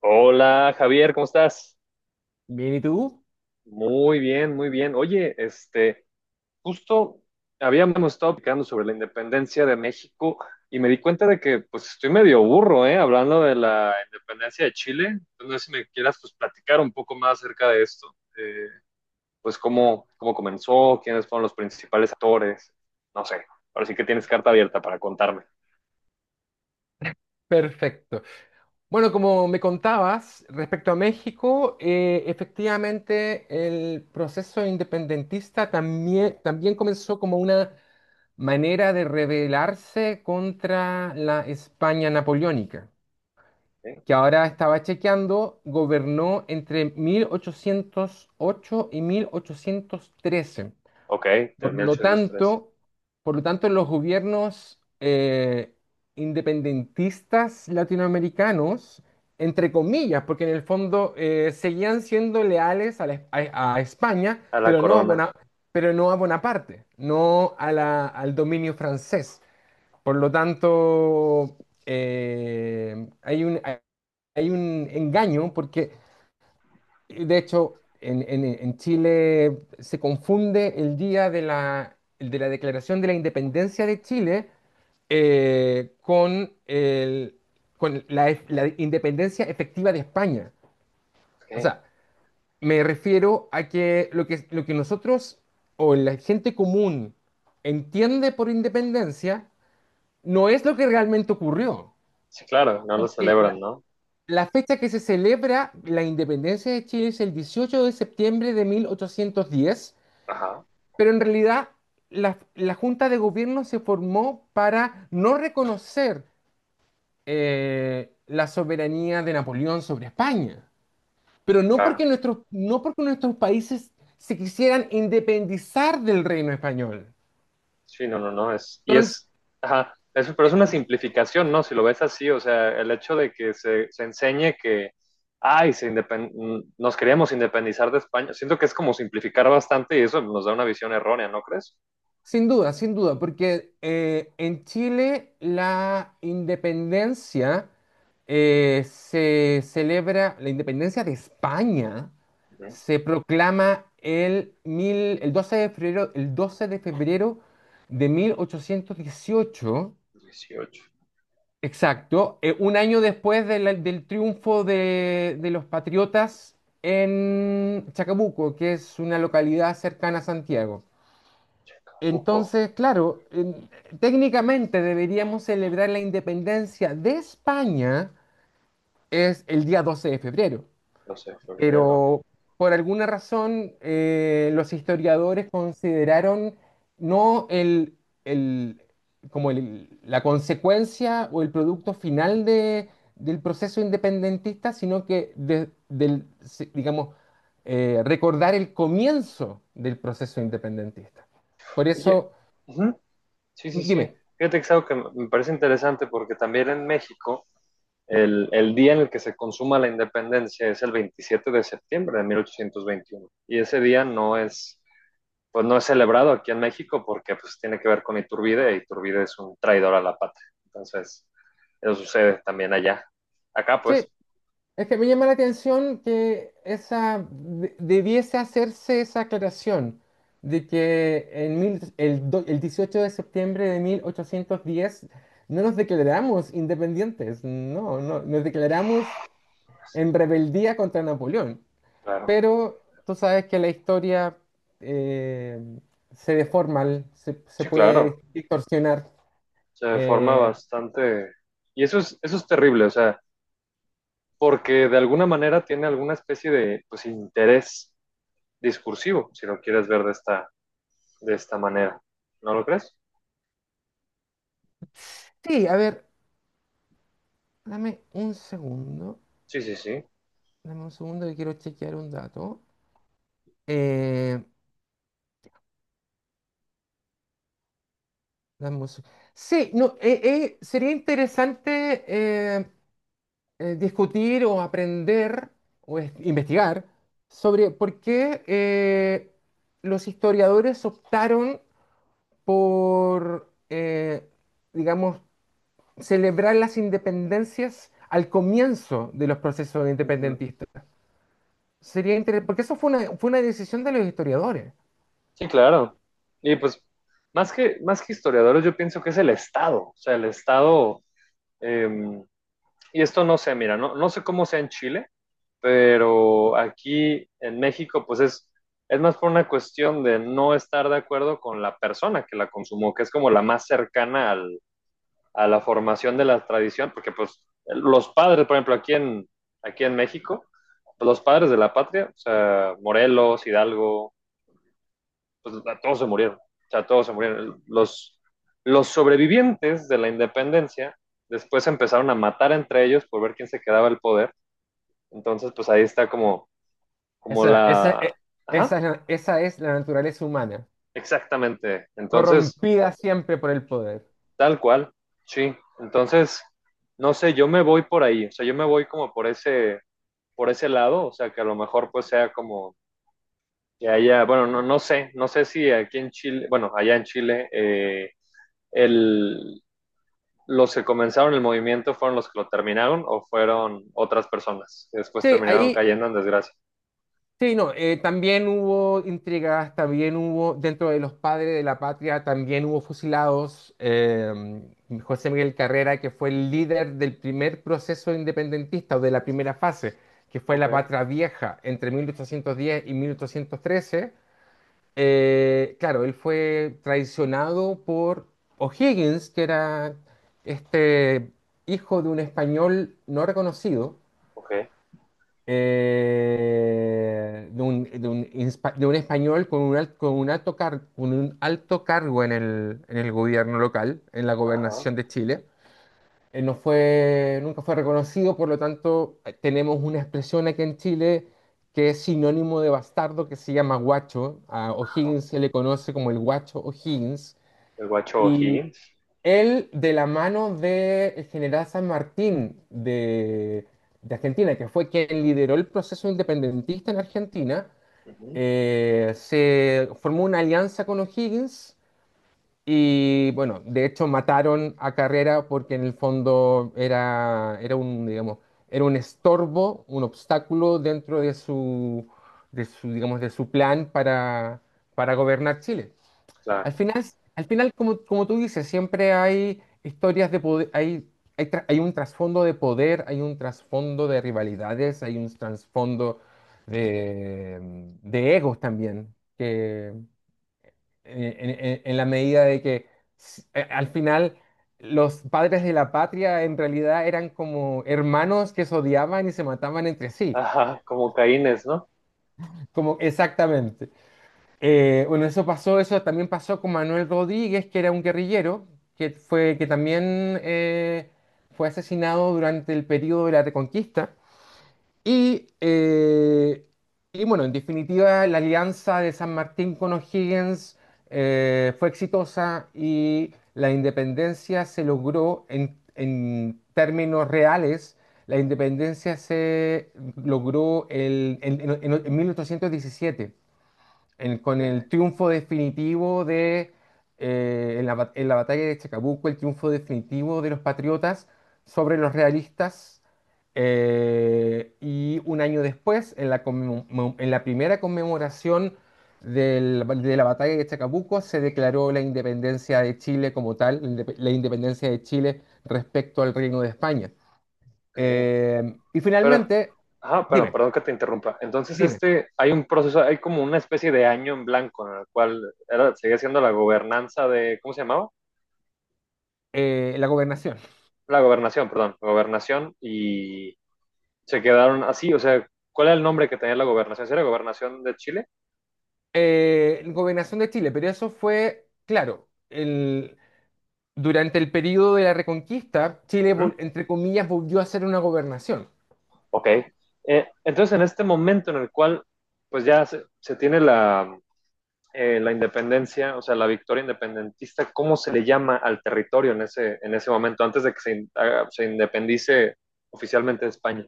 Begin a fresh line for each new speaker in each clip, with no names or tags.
Hola Javier, ¿cómo estás?
Bien, ¿y tú?
Muy bien, muy bien. Oye, justo habíamos estado platicando sobre la independencia de México y me di cuenta de que pues estoy medio burro, ¿eh? Hablando de la independencia de Chile. Entonces, no sé si me quieras pues platicar un poco más acerca de esto. Eh, pues cómo comenzó, quiénes fueron los principales actores, no sé. Ahora sí que tienes carta abierta para contarme.
Perfecto. Bueno, como me contabas respecto a México, efectivamente el proceso independentista también comenzó como una manera de rebelarse contra la España napoleónica,
¿Eh?
que ahora estaba chequeando, gobernó entre 1808 y 1813.
Ok, de
Por
mil
lo
ochocientos trece.
tanto, por lo tanto, los gobiernos independentistas latinoamericanos, entre comillas, porque en el fondo seguían siendo leales a, a España,
A la
pero no a,
corona.
Pero no a Bonaparte, no a al dominio francés. Por lo tanto, eh, hay un, hay un engaño porque de hecho, en Chile se confunde el día de la, el de la declaración de la independencia de Chile con, con la, la independencia efectiva de España. O sea,
Ok.
me refiero a que lo que nosotros o la gente común entiende por independencia no es lo que realmente ocurrió.
Sí, claro, no lo
Porque
celebran, ¿no?
la fecha que se celebra la independencia de Chile es el 18 de septiembre de 1810,
Ajá.
pero en realidad la Junta de Gobierno se formó para no reconocer la soberanía de Napoleón sobre España, pero
Claro.
no porque nuestros países se quisieran independizar del reino español.
Sí, no, no, no, y
Entonces,
es, ajá, eso, pero es una simplificación, ¿no? Si lo ves así, o sea, el hecho de se enseñe que, ay, nos queríamos independizar de España, siento que es como simplificar bastante y eso nos da una visión errónea, ¿no crees?
sin duda, sin duda, porque en Chile la independencia se celebra, la independencia de España
Ujú.
se proclama el 12 de febrero, el 12 de febrero de 1818,
18.
exacto, un año después de del triunfo de los patriotas en Chacabuco, que es una localidad cercana a Santiago.
Cuco.
Entonces, claro, técnicamente deberíamos celebrar la independencia de España es el día 12 de febrero,
12 de febrero.
pero por alguna razón los historiadores consideraron no el, el- como la consecuencia o el producto final de- del proceso independentista, sino que digamos, recordar el comienzo del proceso independentista. Por
Oye,
eso,
ujú. Sí, sí, sí.
dime.
Fíjate que es algo que me parece interesante porque también en México el día en el que se consuma la independencia es el 27 de septiembre de 1821 y ese día no es, pues no es celebrado aquí en México porque pues tiene que ver con Iturbide, y Iturbide es un traidor a la patria. Entonces, eso sucede también allá. Acá,
Sí,
pues,
es que me llama la atención que debiese hacerse esa aclaración de que en el 18 de septiembre de 1810 no nos declaramos independientes, no, no, nos declaramos en rebeldía contra Napoleón.
claro.
Pero tú sabes que la historia eh, se deforma, se
Sí, claro.
puede distorsionar.
Se de forma
eh.
bastante. Y eso es terrible, o sea, porque de alguna manera tiene alguna especie de pues, interés discursivo, si lo quieres ver de de esta manera. ¿No lo crees?
Sí, a ver, dame un segundo.
Sí, sí, sí.
Dame un segundo que quiero chequear un dato. Eh, dame un se- Sí, no, sería interesante discutir o aprender o investigar sobre por qué los historiadores optaron por, digamos, celebrar las independencias al comienzo de los procesos
Ujú.
independentistas. Sería interesante, porque eso fue una decisión de los historiadores.
Sí, claro. Y pues, más que historiadores, yo pienso que es el Estado, o sea, el Estado. Eh, y esto no sé, mira, no sé cómo sea en Chile, pero aquí en México, pues es más por una cuestión de no estar de acuerdo con la persona que la consumó, que es como la más cercana a la formación de la tradición, porque pues los padres, por ejemplo, aquí en México, pues, los padres de la patria, o sea, Morelos, Hidalgo, pues todos se murieron. O sea, todos se murieron. Los sobrevivientes de la independencia después empezaron a matar entre ellos por ver quién se quedaba el poder. Entonces, pues ahí está como, como
Esa, esa, e-
la... Ajá,
esa es la naturaleza humana,
exactamente. Entonces,
corrompida siempre por el poder.
tal cual, sí. Entonces, no sé, yo me voy por ahí. O sea, yo me voy como por por ese lado. O sea, que a lo mejor pues sea como que haya, bueno, no sé, no sé si aquí en Chile, bueno, allá en Chile, el, ¿los que comenzaron el movimiento fueron los que lo terminaron o fueron otras personas que después
Sí,
terminaron
ahí,
cayendo en desgracia?
sí, no, también hubo intrigas, también hubo, dentro de los padres de la patria, también hubo fusilados. José Miguel Carrera, que fue el líder del primer proceso independentista o de la primera fase, que fue
Ok,
la Patria Vieja entre 1810 y mil ochocientos trece. Claro, él fue traicionado por O'Higgins, que era este hijo de un español no reconocido,
ok,
de un de un español con un, con un con un alto cargo en en el gobierno local, en la
ajá,
gobernación de Chile. Nunca fue reconocido, por lo tanto, tenemos una expresión aquí en Chile que es sinónimo de bastardo que se llama guacho. A
ajá.
O'Higgins se le conoce como el guacho O'Higgins.
El guacho
Y
Higgins,
él, de la mano del general San Martín de Argentina, que fue quien lideró el proceso independentista en Argentina,
uh-huh.
se formó una alianza con O'Higgins y bueno, de hecho mataron a Carrera porque en el fondo era un, digamos, era un estorbo, un obstáculo dentro de su, digamos, de su plan para gobernar Chile. Al
Claro.
final, al final como, como tú dices, siempre hay historias de poder, hay, hay un trasfondo de poder, hay un trasfondo de rivalidades, hay un trasfondo de, de egos también, en la medida de que al final los padres de la patria en realidad eran como hermanos que se odiaban y se mataban entre sí,
Ajá, como Caínes, ¿no?
como exactamente. Bueno, eso pasó, eso también pasó con Manuel Rodríguez, que era un guerrillero, que también fue asesinado durante el periodo de la Reconquista. Y, eh, y bueno, en definitiva, la alianza de San Martín con O'Higgins fue exitosa y la independencia se logró en términos reales. La independencia se logró en 1817
Ok,
con el triunfo definitivo de, en la batalla de Chacabuco, el triunfo definitivo de los patriotas sobre los realistas. Y un año después, en la, en la primera conmemoración de la batalla de Chacabuco, se declaró la independencia de Chile como tal, la independencia de Chile respecto al Reino de España.
ok.
Y
Pero,
finalmente,
ajá, pero
dime,
perdón que te interrumpa. Entonces,
dime,
hay un proceso, hay como una especie de año en blanco en el cual era, seguía siendo la gobernanza de, ¿cómo se llamaba?
la gobernación.
La gobernación, perdón, gobernación y se quedaron así, o sea, ¿cuál era el nombre que tenía la gobernación? ¿Sí? ¿Era gobernación de Chile?
Eh, gobernación de Chile, pero eso fue, claro, el, durante el periodo de la Reconquista,
Uh
Chile,
-huh.
entre comillas, volvió a ser una gobernación.
Ok. Entonces, en este momento en el cual, pues ya se tiene la independencia, o sea, la victoria independentista, ¿cómo se le llama al territorio en en ese momento, antes de que se independice oficialmente de España?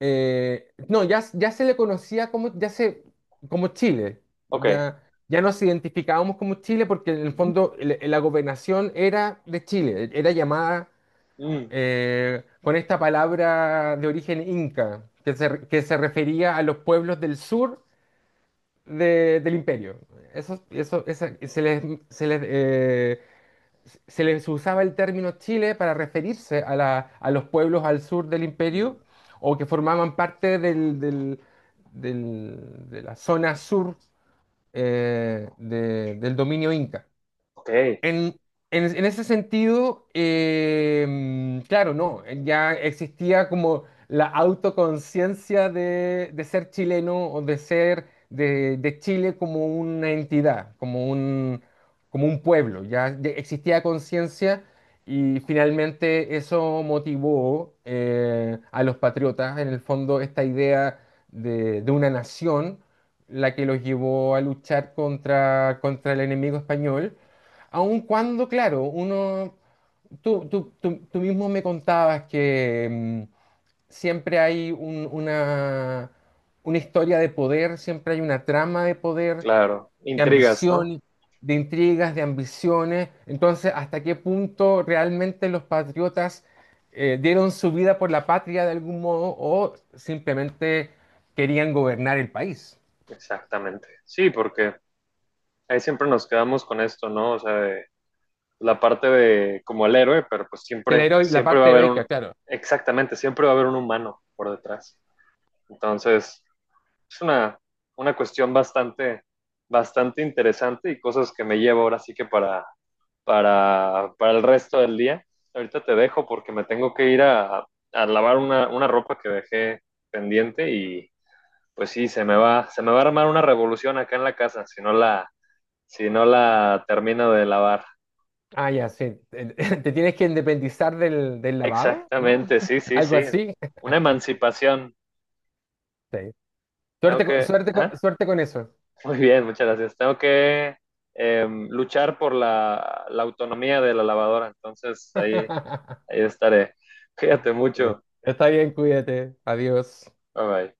No, ya se le conocía como, ya se, como Chile,
Ok.
ya, ya nos identificábamos como Chile porque en el
Uh
fondo la gobernación era de Chile, era llamada
-huh.
con esta palabra de origen inca, que se refería a los pueblos del sur del imperio. Eso, eso, esa- se les, se les, eh, se les usaba el término Chile para referirse a, a los pueblos al sur del imperio
Mm.
o que formaban parte de la zona sur del dominio inca.
Ok,
En, en ese sentido, claro, no, ya existía como la autoconciencia de ser chileno o de ser de Chile como una entidad, como un pueblo, existía conciencia y finalmente eso motivó a los patriotas, en el fondo, esta idea de una nación, la que los llevó a luchar contra, contra el enemigo español. Aun cuando, claro, uno, tú mismo me contabas que siempre hay una historia de poder, siempre hay una trama de poder,
claro.
de
Intrigas, ¿no?
ambición, de intrigas, de ambiciones. Entonces, ¿hasta qué punto realmente los patriotas dieron su vida por la patria de algún modo o simplemente querían gobernar el país?
Exactamente. Sí, porque ahí siempre nos quedamos con esto, ¿no? O sea, de, la parte de como el héroe, pero pues
La
siempre va a
parte
haber
heroica,
un,
claro.
exactamente, siempre va a haber un humano por detrás. Entonces, es una cuestión bastante, bastante interesante y cosas que me llevo ahora sí que para el resto del día. Ahorita te dejo porque me tengo que ir a lavar una ropa que dejé pendiente y pues sí, se me va a armar una revolución acá en la casa si no si no la termino de lavar.
Ah, ya, sí. Te te tienes que independizar del lavado, ¿no?
Exactamente, sí, sí,
Algo
sí.
así.
Una emancipación.
Sí.
Tengo que, ajá.
Suerte con eso.
Muy bien, muchas gracias. Tengo que luchar por la autonomía de la lavadora. Entonces ahí, ahí estaré. Cuídate
Eh,
mucho.
Está bien, cuídate. Adiós.
Bye bye.